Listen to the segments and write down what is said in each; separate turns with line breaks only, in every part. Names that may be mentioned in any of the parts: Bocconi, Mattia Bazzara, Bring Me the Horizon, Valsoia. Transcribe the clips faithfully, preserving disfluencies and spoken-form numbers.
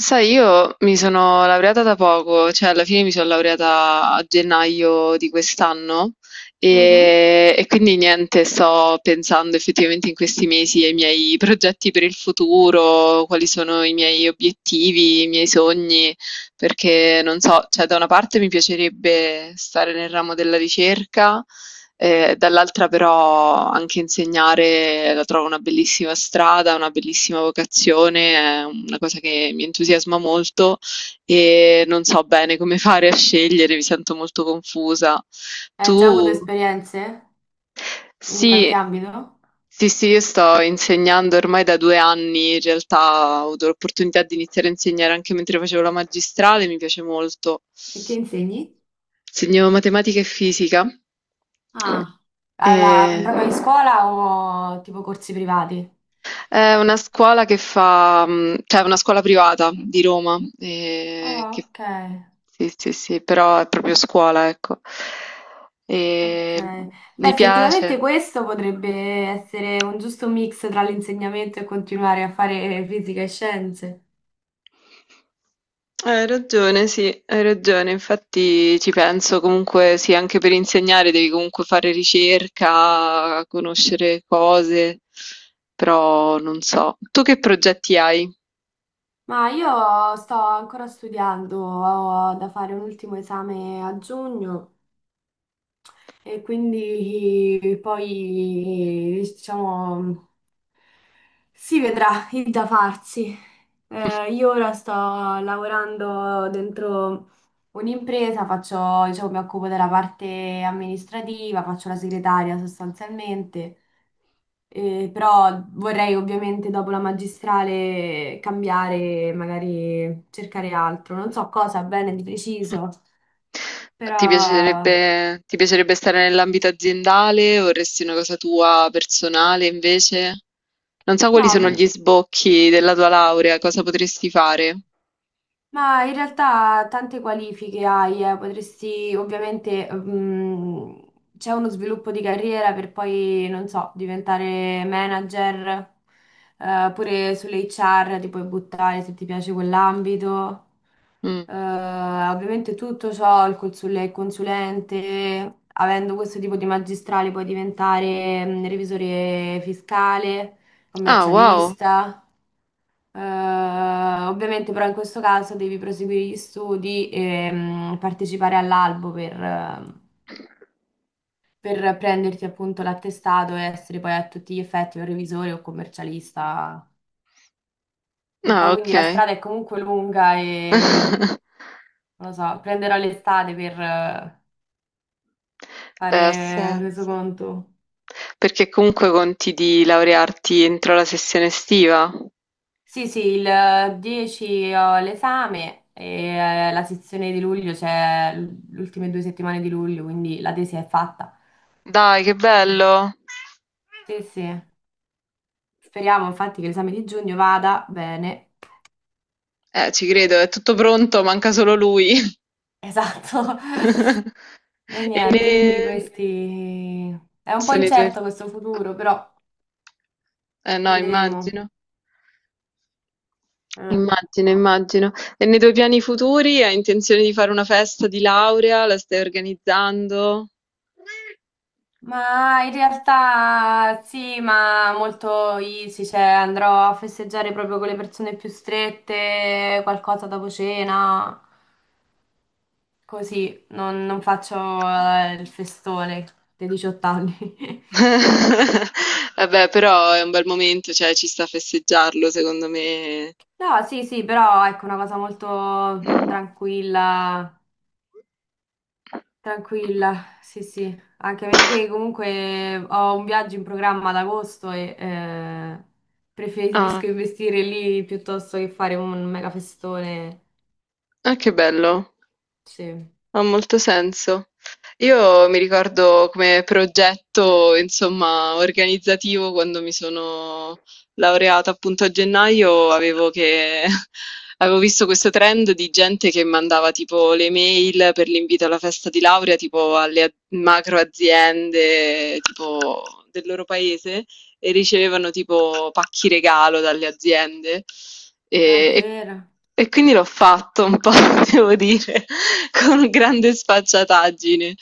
Sai, io mi sono laureata da poco, cioè alla fine mi sono laureata a gennaio di quest'anno
Mhm.
e, e quindi niente, sto pensando effettivamente in questi mesi ai miei progetti per il futuro, quali sono i miei obiettivi, i miei sogni, perché non so, cioè da una parte mi piacerebbe stare nel ramo della ricerca. Ehm, dall'altra però anche insegnare la trovo una bellissima strada, una bellissima vocazione, è una cosa che mi entusiasma molto e non so bene come fare a scegliere, mi sento molto confusa.
Hai già avuto
Tu?
esperienze in qualche
Sì.
ambito?
Sì, sì, io sto insegnando ormai da 2 anni, in realtà ho avuto l'opportunità di iniziare a insegnare anche mentre facevo la magistrale, mi piace molto.
E che insegni?
Studio matematica e fisica.
Ah, alla,
E-
proprio in scuola o tipo corsi privati?
È una scuola che fa, mh, cioè è una scuola privata di Roma, eh,
Ah,
che-
ok,
sì, sì, sì, però è proprio scuola, ecco. E
ok. Beh,
mi piace.
effettivamente questo potrebbe essere un giusto mix tra l'insegnamento e continuare a fare fisica e scienze.
Hai ragione, sì, hai ragione. Infatti ci penso comunque, sì, anche per insegnare devi comunque fare ricerca, conoscere cose, però non so. Tu che progetti hai?
Ma io sto ancora studiando, ho da fare un ultimo esame a giugno. E quindi eh, poi, eh, diciamo, si vedrà il da farsi. Eh, io ora sto lavorando dentro un'impresa, faccio, diciamo, mi occupo della parte amministrativa, faccio la segretaria sostanzialmente. Eh, però vorrei ovviamente dopo la magistrale cambiare, magari cercare altro, non so cosa bene di preciso,
Ti
però
piacerebbe, ti piacerebbe stare nell'ambito aziendale? Vorresti una cosa tua personale invece? Non so quali
no.
sono
mm,
gli sbocchi della tua laurea, cosa potresti fare?
Ma in realtà tante qualifiche hai, eh, potresti ovviamente, mm, c'è uno sviluppo di carriera per poi, non so, diventare manager, eh, pure sulle acca erre ti puoi buttare se ti piace quell'ambito.
Mm.
Eh, ovviamente tutto ciò, il consul- consulente, avendo questo tipo di magistrale puoi diventare, mm, revisore fiscale,
Ah, wow.
commercialista. Eh, Ovviamente però in questo caso devi proseguire gli studi e mh, partecipare all'albo per, eh, per prenderti appunto l'attestato e essere poi a tutti gli effetti un revisore o commercialista. Un
Ah,
po', quindi la
ok.
strada è comunque lunga e non lo so, prenderò l'estate per eh,
Beh, ha
fare
senso.
resoconto.
Perché comunque conti di laurearti entro la sessione estiva?
Sì, sì, il eh, dieci ho l'esame e eh, la sezione di luglio c'è l- le ultime due settimane di luglio, quindi la tesi è fatta.
Dai, che
Sì,
bello!
sì. Speriamo infatti che l'esame di giugno vada bene.
Eh, ci credo, è tutto pronto, manca solo lui.
Esatto. E
E
niente,
ne,
quindi questi... È un po'
sono i tuoi.
incerto questo futuro, però
Eh, no,
vedremo.
immagino.
Eh.
Immagino, immagino. E nei tuoi piani futuri hai intenzione di fare una festa di laurea? La stai organizzando?
Ma in realtà sì, ma molto easy, cioè andrò a festeggiare proprio con le persone più strette, qualcosa dopo cena, così, non, non faccio eh, il festone dei diciotto anni.
Vabbè, però è un bel momento, cioè ci sta a festeggiarlo, secondo me.
No, sì, sì, però ecco una cosa molto
Mh-mh.
tranquilla. Tranquilla, sì, sì, anche perché comunque ho un viaggio in programma ad agosto e eh, preferisco
Ah,
investire lì piuttosto che fare un mega festone.
ah, che bello.
Sì,
Ha molto senso. Io mi ricordo, come progetto, insomma, organizzativo, quando mi sono laureata appunto a gennaio, avevo che avevo visto questo trend di gente che mandava tipo le mail per l'invito alla festa di laurea, tipo alle a- macro aziende, tipo del loro paese, e ricevevano tipo pacchi regalo dalle aziende. E, e-
davvero.
e quindi l'ho fatto un po', devo dire, con grande sfacciataggine.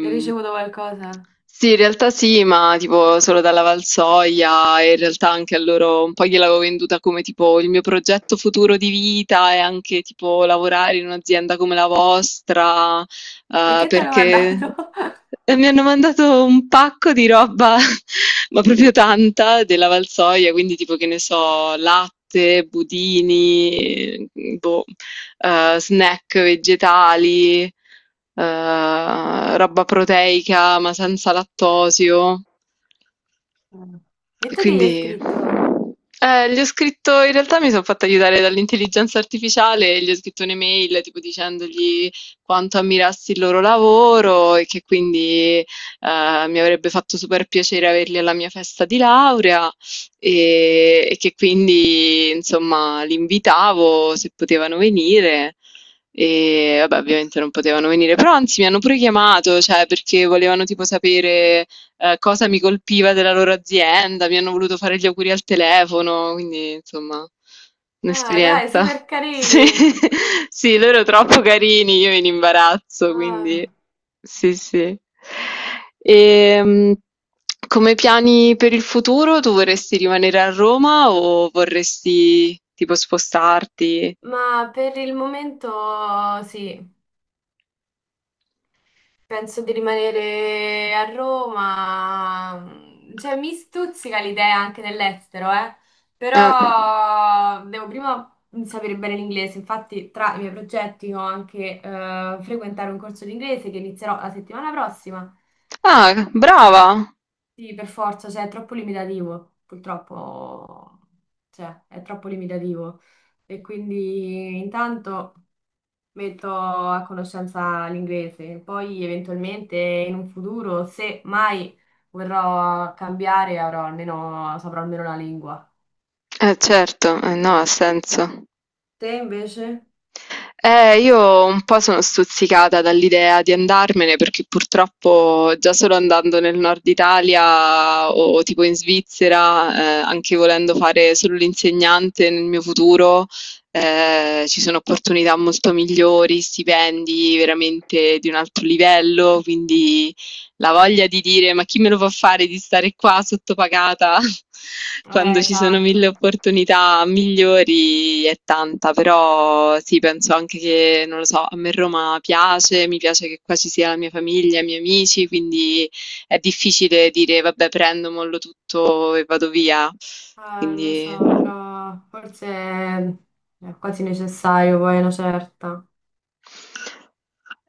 Hai ricevuto qualcosa?
sì, in realtà sì, ma tipo solo dalla Valsoia, e in realtà anche a loro un po' gliel'avevo venduta come tipo il mio progetto futuro di vita e anche tipo lavorare in un'azienda come la vostra, eh,
Perché te l'ho
perché,
mandato?
e mi hanno mandato un pacco di roba, ma proprio tanta, della Valsoia, quindi tipo che ne so, latte, budini, boh, eh, snack vegetali, eh, roba proteica ma senza lattosio.
Mm. E tu che gli hai
Quindi,
scritto?
eh, gli ho scritto, in realtà mi sono fatta aiutare dall'intelligenza artificiale e gli ho scritto un'email tipo dicendogli quanto ammirassi il loro lavoro e che quindi eh, mi avrebbe fatto super piacere averli alla mia festa di laurea e, e che quindi insomma li invitavo se potevano venire. E vabbè, ovviamente non potevano venire, però anzi mi hanno pure chiamato, cioè, perché volevano tipo sapere eh, cosa mi colpiva della loro azienda, mi hanno voluto fare gli auguri al telefono, quindi insomma,
Ah, dai,
un'esperienza.
super
Sì,
carini.
sì, loro troppo carini, io in imbarazzo, quindi
Ah,
sì, sì. E, come piani per il futuro, tu vorresti rimanere a Roma o vorresti tipo spostarti?
ma per il momento sì. Penso di rimanere a Roma, mm, cioè mi stuzzica l'idea anche dell'estero, eh.
Eh,
Però devo prima sapere bene l'inglese, infatti tra i miei progetti ho anche eh, frequentare un corso di inglese che inizierò la settimana prossima.
Ah, brava!
Sì, per forza, cioè è troppo limitativo, purtroppo, cioè è troppo limitativo. E quindi intanto metto a conoscenza l'inglese. Poi eventualmente in un futuro, se mai vorrò cambiare, avrò almeno, saprò almeno la lingua.
Eh, certo, eh, no, ha
Eh,
senso.
Te invece?
Eh, io un po' sono stuzzicata dall'idea di andarmene, perché purtroppo già solo andando nel nord Italia o tipo in Svizzera, eh, anche volendo fare solo l'insegnante nel mio futuro, eh, ci sono opportunità molto migliori, stipendi veramente di un altro livello, quindi la voglia di dire: "Ma chi me lo fa fare di stare qua sottopagata
Eh,
quando ci sono mille
esatto.
opportunità migliori" è tanta, però sì, penso anche che, non lo so, a me Roma piace, mi piace che qua ci sia la mia famiglia, i miei amici, quindi è difficile dire: "Vabbè, prendo, mollo tutto e vado via".
Eh, lo
Quindi
so, però forse è quasi necessario poi una certa.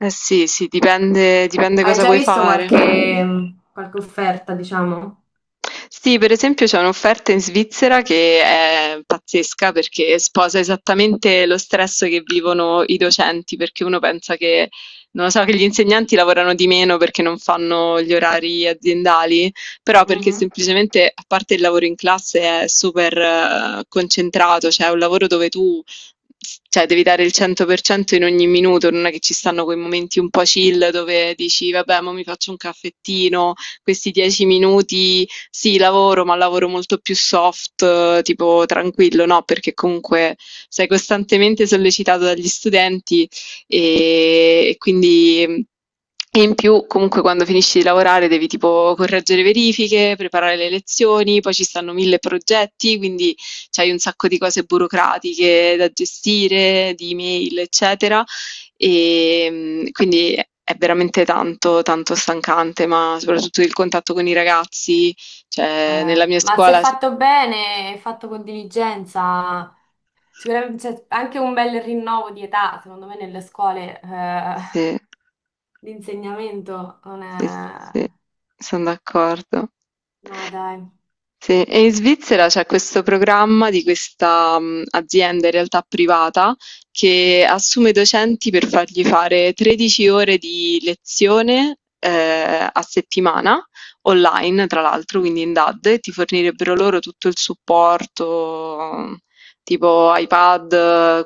eh sì, sì, dipende dipende
Hai
cosa
già
vuoi
visto
fare.
qualche, qualche offerta, diciamo?
Sì, per esempio c'è un'offerta in Svizzera che è pazzesca, perché sposa esattamente lo stress che vivono i docenti, perché uno pensa che, non lo so, che gli insegnanti lavorano di meno perché non fanno gli orari aziendali, però perché
Mhm.
semplicemente, a parte il lavoro in classe, è super eh, concentrato, cioè è un lavoro dove tu cioè devi dare il cento per cento in ogni minuto, non è che ci stanno quei momenti un po' chill dove dici vabbè, ma mi faccio un caffettino, questi dieci minuti sì, lavoro, ma lavoro molto più soft, eh, tipo tranquillo, no? Perché comunque sei costantemente sollecitato dagli studenti e, e quindi. E in più, comunque, quando finisci di lavorare devi tipo correggere verifiche, preparare le lezioni, poi ci stanno mille progetti, quindi c'hai un sacco di cose burocratiche da gestire, di email, eccetera. Ehm, quindi è è veramente tanto, tanto stancante, ma soprattutto il contatto con i ragazzi, cioè
Eh,
nella mia
ma se
scuola s-
fatto bene, e fatto con diligenza, sicuramente c'è anche un bel rinnovo di età, secondo me nelle scuole eh,
Sì,
l'insegnamento non
sì, sì, sì,
è...
sono d'accordo.
No, dai.
Sì, e in Svizzera c'è questo programma di questa mh, azienda in realtà privata che assume docenti per fargli fare 13 ore di lezione eh, a settimana, online tra l'altro, quindi in DAD, e ti fornirebbero loro tutto il supporto, tipo iPad,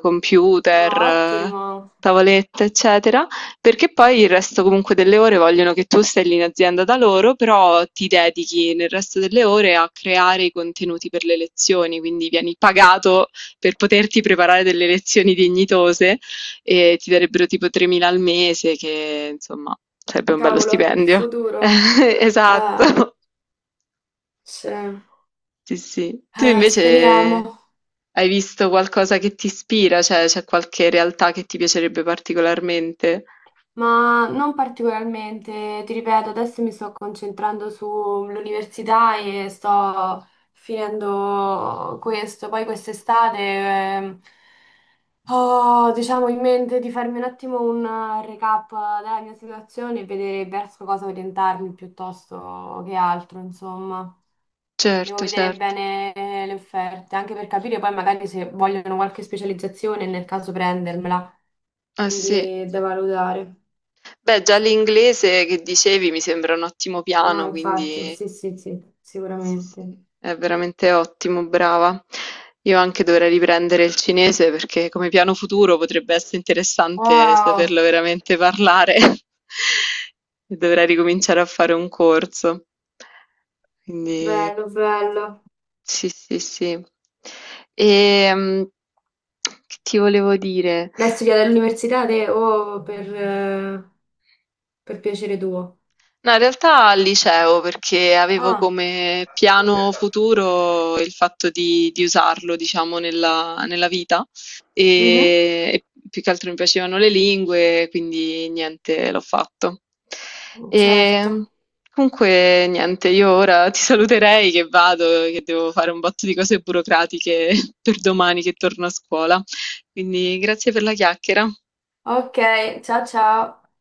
No,
computer, eh,
ottimo.
tavolette, eccetera. Perché poi il resto comunque delle ore vogliono che tu stai lì in azienda da loro, però ti dedichi nel resto delle ore a creare i contenuti per le lezioni, quindi vieni pagato per poterti preparare delle lezioni dignitose e ti darebbero tipo tremila al mese, che insomma sarebbe un bello
Cavolo, il
stipendio.
futuro. Eh,
Esatto.
sì.
Sì, sì. Tu
Eh,
invece
speriamo.
hai visto qualcosa che ti ispira? Cioè, c'è qualche realtà che ti piacerebbe particolarmente?
Ma non particolarmente, ti ripeto, adesso mi sto concentrando sull'università e sto finendo questo. Poi quest'estate ehm, ho, diciamo, in mente di farmi un attimo un recap della mia situazione e vedere verso cosa orientarmi piuttosto che altro, insomma. Devo
Certo,
vedere
certo.
bene eh, le offerte, anche per capire poi magari se vogliono qualche specializzazione, nel caso prendermela.
Ah sì.
Quindi è da valutare.
Beh, già l'inglese che dicevi mi sembra un ottimo
No,
piano,
infatti,
quindi
sì, sì, sì,
sì,
sicuramente.
sì, è veramente ottimo, brava. Io anche dovrei riprendere il cinese, perché come piano futuro potrebbe essere interessante
Wow,
saperlo veramente parlare. E dovrei ricominciare a fare un corso. Quindi
bello, bello.
sì, sì, sì. E, che ti volevo dire?
Lei studia all'università te o per, eh, per piacere tuo?
No, in realtà al liceo, perché avevo
Ah,
come piano futuro il fatto di, di usarlo, diciamo, nella, nella vita
mhm,
e, e più che altro mi piacevano le lingue, quindi niente, l'ho fatto.
certo.
E comunque, niente, io ora ti saluterei, che vado, che devo fare un botto di cose burocratiche per domani che torno a scuola. Quindi grazie per la chiacchiera.
Ok, ciao ciao.